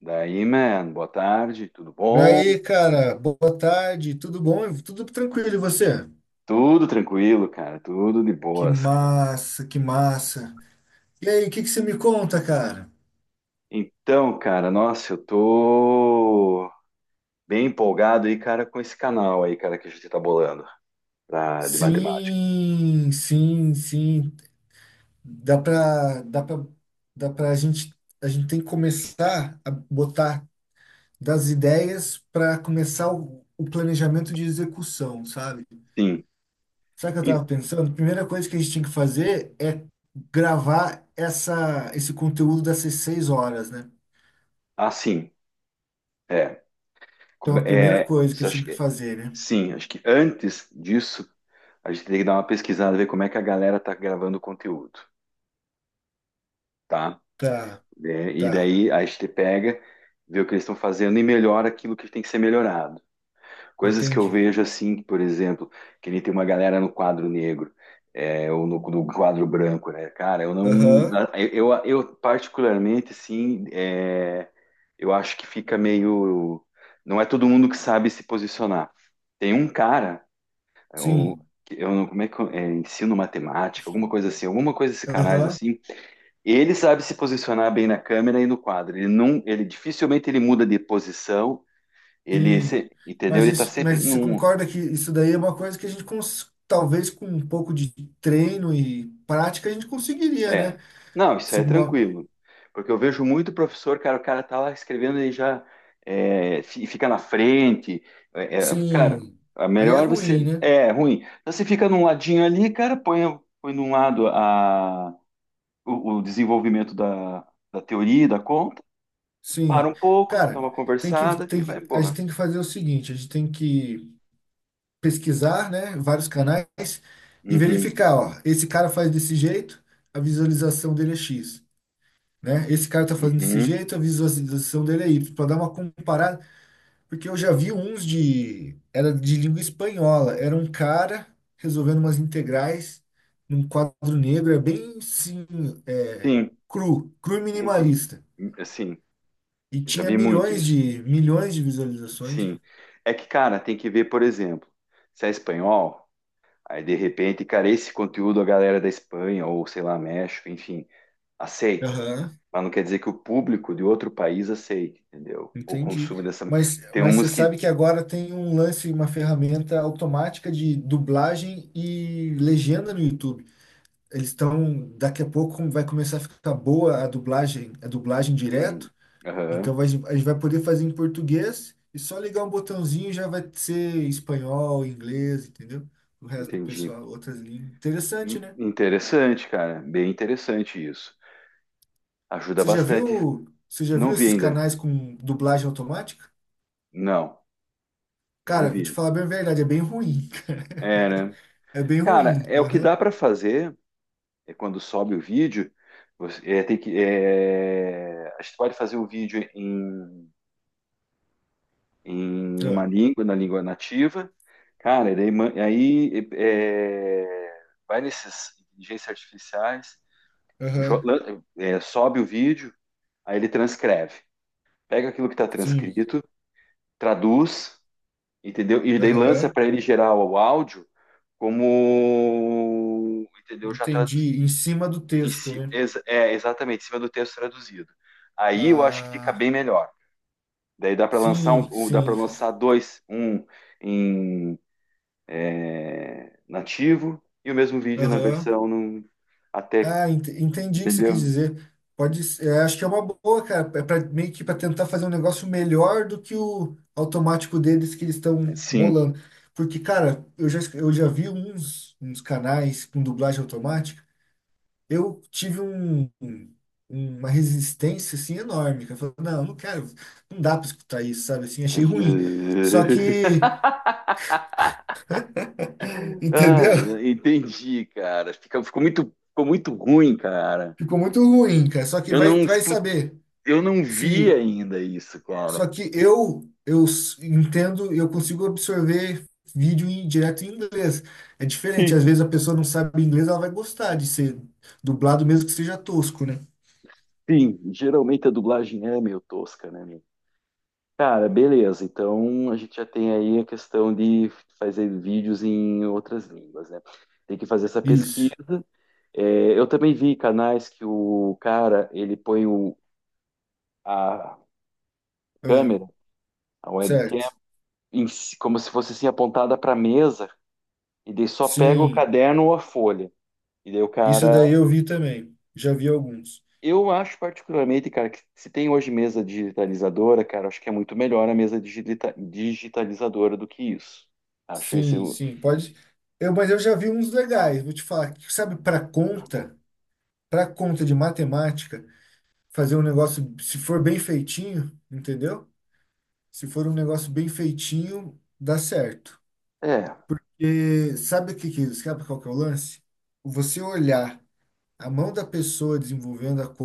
Daí, man, boa tarde, tudo bom? Daí, cara, boa tarde, tudo bom? Tudo tranquilo, e você? Tudo tranquilo, cara, tudo de Que boas, cara. massa, que massa. E aí, o que que você me conta, cara? Então, cara, nossa, eu tô bem empolgado aí, cara, com esse canal aí, cara, que a gente tá bolando de matemática. Sim, sim, sim. Dá pra, dá pra, dá pra gente, a gente tem que começar a botar das ideias para começar o planejamento de execução, sabe? Sim, Sabe o que eu E- tava pensando? A primeira coisa que a gente tinha que fazer é gravar esse conteúdo dessas 6 horas, né? ah, sim, é. Então, a primeira É, coisa que isso eu acho tinha que que, fazer, né? sim, acho que antes disso, a gente tem que dar uma pesquisada, ver como é que a galera tá gravando o conteúdo, tá? Tá, É, e tá, daí a gente pega, vê o que eles estão fazendo e melhora aquilo que tem que ser melhorado. Coisas que eu entendi. vejo assim, por exemplo, que ele tem uma galera no quadro negro, é, ou no quadro branco, né? Cara, eu não. Aham, Eu, particularmente, assim, é, eu acho que fica meio. Não é todo mundo que sabe se posicionar. Tem um cara, é, sim, que eu não, como é que eu, é, ensino matemática, alguma coisa assim, alguma coisa desse canais aham, assim. Ele sabe se posicionar bem na câmera e no quadro. Ele não, ele dificilmente ele muda de posição. Ele, sim. se- Entendeu? Mas Ele tá isso, sempre mas você num. concorda que isso daí é uma coisa que a gente, talvez com um pouco de treino e prática, a gente conseguiria, É. né? Não, isso Se aí é uma- tranquilo. Porque eu vejo muito professor, cara, o cara tá lá escrevendo e já é, fica na frente. É, cara, Sim, é aí é melhor ruim, você. né? É ruim. Então você fica num ladinho ali, cara, põe de um lado o desenvolvimento da teoria, da conta, para Sim. um pouco, dá Cara, uma conversada e vai a embora. gente tem que fazer o seguinte, a gente tem que pesquisar, né, vários canais e Uhum, verificar, ó, esse cara faz desse jeito, a visualização dele é X, né? Esse cara tá fazendo desse uhum. jeito, a visualização dele é Y, para dar uma comparada, porque eu já vi uns de era de língua espanhola, era um cara resolvendo umas integrais num quadro negro, é bem sim, é, Sim, cru, cru e bem cu- minimalista. assim, E já tinha vi muito isso. Milhões de visualizações. Sim. É que, cara, tem que ver, por exemplo, se é espanhol. Aí, de repente, cara, esse conteúdo a galera da Espanha ou, sei lá, México, enfim, aceita. Aham. Mas não quer dizer que o público de outro país aceite, entendeu? Ou Entendi. consuma dessa. Tem Mas você uns que. sabe que agora tem um lance, uma ferramenta automática de dublagem e legenda no YouTube. Eles estão, daqui a pouco vai começar a ficar boa a dublagem Hum. direto. Aham, Então vai, a gente vai poder fazer em português e só ligar um botãozinho já vai ser espanhol, inglês, entendeu? O resto do entendi. pessoal, outras línguas. Interessante, né? Interessante, cara. Bem interessante isso. Ajuda bastante. Você já viu Não vi esses ainda. canais com dublagem automática? Não, não Cara, vou te vi. falar bem a verdade, é bem ruim. É, né? É bem Cara, ruim. é o que dá para fazer é quando sobe o vídeo. Você, é, tem que, é, a gente pode fazer o vídeo em Ah, uma língua, na língua nativa. Cara, e daí, aí é, vai nesses inteligências artificiais, aham, é, sobe o vídeo, aí ele transcreve. Pega aquilo que está sim, transcrito, traduz, entendeu? E daí lança aham, para ele gerar o áudio como, entendeu? Já traduzido. entendi. Em cima do texto, né? É, exatamente, em cima do texto traduzido. Aí eu acho que fica Ah, bem melhor. Daí dá para lançar sim, dá para sim, lançar dois, um em nativo e o mesmo vídeo na aham. versão até, Ah, entendi o que você quis entendeu? dizer. Pode, é, acho que é uma boa, cara, é pra, meio que para tentar fazer um negócio melhor do que o automático deles que eles estão Sim. bolando. Porque, cara, eu já vi uns canais com dublagem automática. Eu tive uma resistência assim enorme. Que eu falei, não, não quero, não dá para escutar isso, sabe? Assim, achei ruim. Só que, entendeu? Ai, entendi, cara. Ficou muito ruim, cara. Ficou muito ruim, cara. Só que Eu vai não escu- saber eu não vi se. ainda isso, Só cara. que entendo, eu consigo absorver vídeo em, direto em inglês. É diferente. Sim, Às vezes a pessoa não sabe inglês, ela vai gostar de ser dublado mesmo que seja tosco, né? sim, geralmente a dublagem é meio tosca, né, meu? Cara, beleza. Então a gente já tem aí a questão de fazer vídeos em outras línguas, né? Tem que fazer essa Isso. pesquisa. É, eu também vi canais que o cara, ele põe a Ah, câmera, a certo. webcam, como se fosse assim apontada para a mesa, e daí só pega o Sim. caderno ou a folha. E daí o Isso cara, daí eu vi também. Já vi alguns. eu acho particularmente, cara, que se tem hoje mesa digitalizadora, cara, acho que é muito melhor a mesa digitalizadora do que isso. Acho esse. Sim, sim, pode. Eu, mas eu já vi uns legais, vou te falar. Que, sabe, para conta de matemática, fazer um negócio, se for bem feitinho, entendeu? Se for um negócio bem feitinho, dá certo. É. E sabe o que que, sabe qual que é o lance? Você olhar a mão da pessoa desenvolvendo a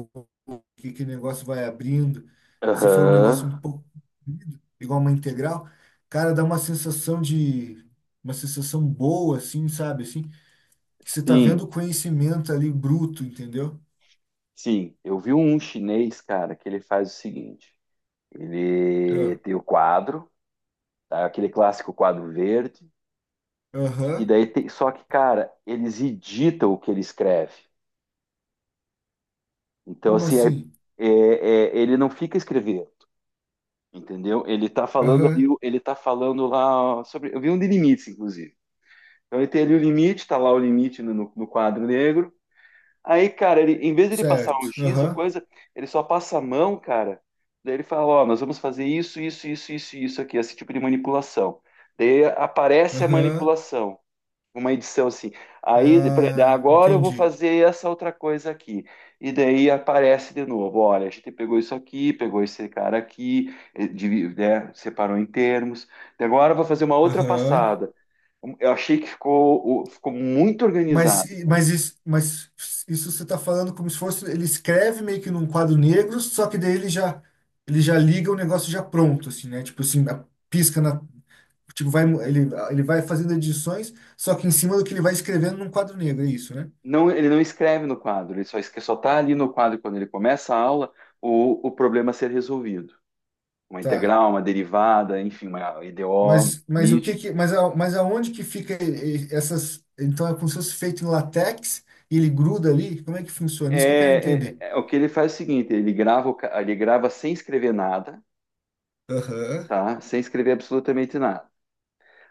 que negócio vai abrindo. Se for um negócio Aham. um pouco comprido, igual uma integral, cara, dá uma sensação boa, assim, sabe? Assim, que você tá vendo Sim, o conhecimento ali bruto, entendeu? sim. Eu vi um chinês, cara, que ele faz o seguinte: ele Ah, tem o quadro. Tá? Aquele clássico quadro verde. E aham. daí tem, só que, cara, eles editam o que ele escreve. Então, Como assim, assim? é- ele não fica escrevendo, entendeu? Ele tá falando ali, Aham. Ele tá falando lá sobre. Eu vi um de limites, inclusive. Então ele tem ali o limite, tá lá o limite no quadro negro. Aí, cara, ele, em vez de ele passar um Certo. giz ou Aham. coisa, ele só passa a mão, cara. Daí ele fala, ó, nós vamos fazer isso, isso, isso, isso, isso aqui, esse tipo de manipulação. Daí aparece a Aham. manipulação. Uma edição assim. Aí, por exemplo, Ah, agora eu vou entendi. fazer essa outra coisa aqui. E daí aparece de novo, olha, a gente pegou isso aqui, pegou esse cara aqui, né, separou em termos. E agora eu vou fazer uma outra Aham. passada. Eu achei que ficou muito organizado, cara. Mas isso você está falando como se fosse. Ele escreve meio que num quadro negro, só que daí ele já liga o negócio já pronto, assim, né? Tipo assim, a- pisca na. Tipo, vai, ele vai fazendo edições, só que em cima do que ele vai escrevendo num quadro negro, é isso, né? Não, ele não escreve no quadro, ele só está ali no quadro quando ele começa a aula o problema a ser resolvido. Uma Tá. integral, uma derivada, enfim, uma IDO, Mas o que MIT. que. Mas, a, Mas aonde que fica essas. Então é como se fosse feito em latex e ele gruda ali? Como é que funciona? Isso que eu quero entender. O que ele faz é o seguinte, ele grava, ele grava sem escrever nada, Aham, tá? Sem escrever absolutamente nada.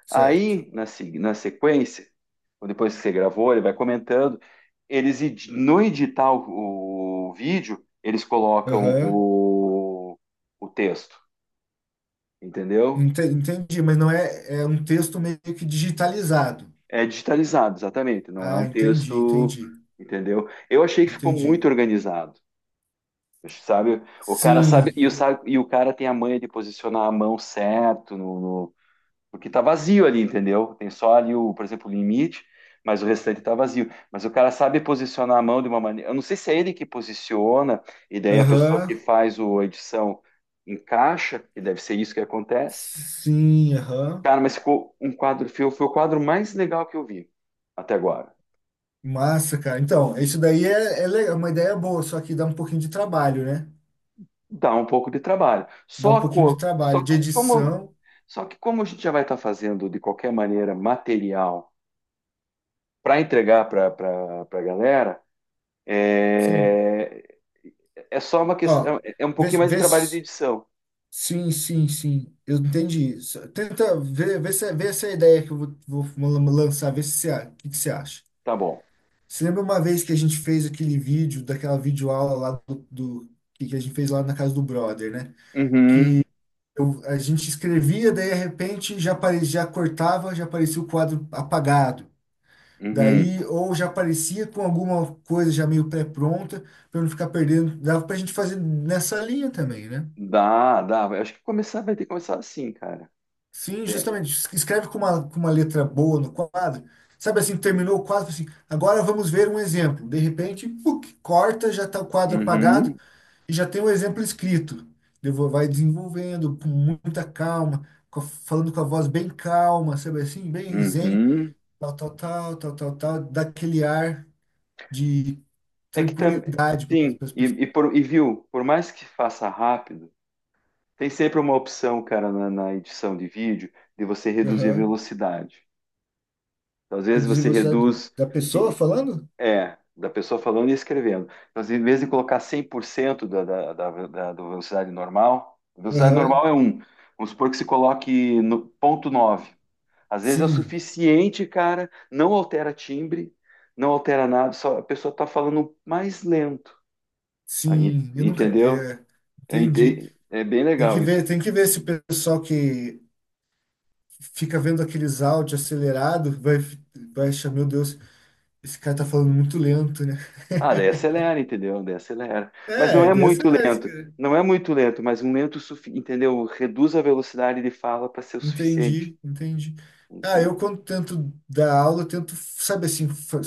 certo. Aí, na, se- na sequência, ou depois que você gravou, ele vai comentando, eles no editar o vídeo, eles colocam Aham. o texto, entendeu? Entendi, mas não é, é um texto meio que digitalizado. É digitalizado, exatamente, não é Ah, um entendi, texto, entendi, entendeu? Eu achei que ficou entendi. muito organizado. Sabe? O cara sabe Sim, e e o cara tem a manha de posicionar a mão certo no, porque tá vazio ali, entendeu? Tem só ali o, por exemplo, o limite, mas o restante tá vazio. Mas o cara sabe posicionar a mão de uma maneira. Eu não sei se é ele que posiciona e daí a pessoa que aham, faz a edição encaixa, e deve ser isso que acontece. sim, aham. Cara, mas ficou um quadro, foi o quadro mais legal que eu vi até agora. Massa, cara. Então, isso daí é, é legal, uma ideia boa, só que dá um pouquinho de trabalho, né? Dá um pouco de trabalho. Dá um pouquinho de trabalho, de edição, Só que como a gente já vai estar fazendo de qualquer maneira material para entregar para a galera, sim. é, é, só uma Ó, questão, é um vê, pouquinho mais de vê, trabalho de se- edição. sim, sim, sim, eu entendi. Só, tenta ver, ver essa ideia que eu vou lançar, ver se você, a- o que que você acha. Tá bom. Você lembra uma vez que a gente fez aquele vídeo, daquela videoaula lá que a gente fez lá na casa do brother, né? Uhum, Eu, a gente escrevia, daí de repente já, já cortava, já aparecia o quadro apagado. uhum. Daí, ou já aparecia com alguma coisa já meio pré-pronta, para não ficar perdendo. Dava pra gente fazer nessa linha também, né? Dá, dá. Eu acho que começar vai ter que começar assim, cara. Sim, Tem- justamente. Escreve com uma letra boa no quadro. Sabe assim, terminou o quadro, assim, agora vamos ver um exemplo. De repente, puc, corta, já está o quadro apagado, Uhum, e já tem o exemplo escrito. Devo, vai desenvolvendo com muita calma, falando com a voz bem calma, sabe assim, bem zen, uhum. tal, tal, tal, tal, tal, tal, dá aquele ar de É que também, tranquilidade para sim, as pessoas. E viu, por mais que faça rápido, tem sempre uma opção, cara, na edição de vídeo, de você reduzir a Aham. velocidade. Então, às vezes Reduzir a você velocidade reduz, da pessoa assim, falando? é, da pessoa falando e escrevendo. Então, às vezes, em vez de colocar 100% da velocidade normal, a velocidade Aham. normal é um. Vamos supor que se coloque no 0,9. Às vezes é o Sim, suficiente, cara, não altera timbre, não altera nada, só a pessoa está falando mais lento. Aí, sim. Eu nunca. entendeu? É, É, entendi. É bem legal isso. Tem que ver se o pessoal que fica vendo aqueles áudios acelerados vai, vai achar, meu Deus, esse cara tá falando muito lento, né? Ah, daí acelera, entendeu? Daí acelera. Mas não É, é dessa muito lento, elétrica. não é muito lento, mas um lento, entendeu? Reduz a velocidade de fala para ser o suficiente. Entendi, entendi. Ah, eu Entende? quando tento dar aula, eu tento, sabe assim,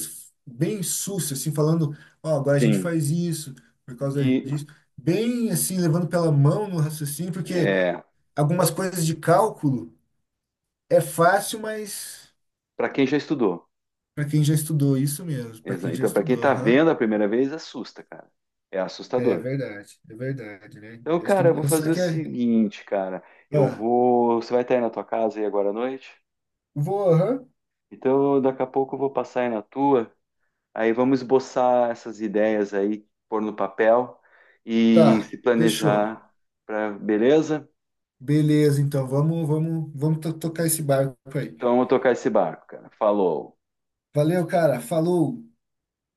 bem sucio, assim, falando, ó, agora a gente Sim. faz isso, por causa E disso. Bem assim, levando pela mão no raciocínio, porque é, algumas coisas de cálculo é fácil, mas para quem já estudou. para quem já estudou, isso mesmo, para quem já Então, para quem estudou, tá aham. vendo a primeira vez, assusta, cara. É assustador. É verdade, né? Então, A gente tem cara, eu que vou fazer pensar o que é. seguinte, cara. Eu Ah, vou. Você vai estar aí na tua casa aí agora à noite? vou, aham. Então, daqui a pouco eu vou passar aí na tua. Aí vamos esboçar essas ideias aí, pôr no papel e Tá, se fechou. planejar para, beleza? Beleza, então vamos, vamos, tocar esse barco aí. Então, eu vou tocar esse barco, cara. Falou. Valeu, cara. Falou.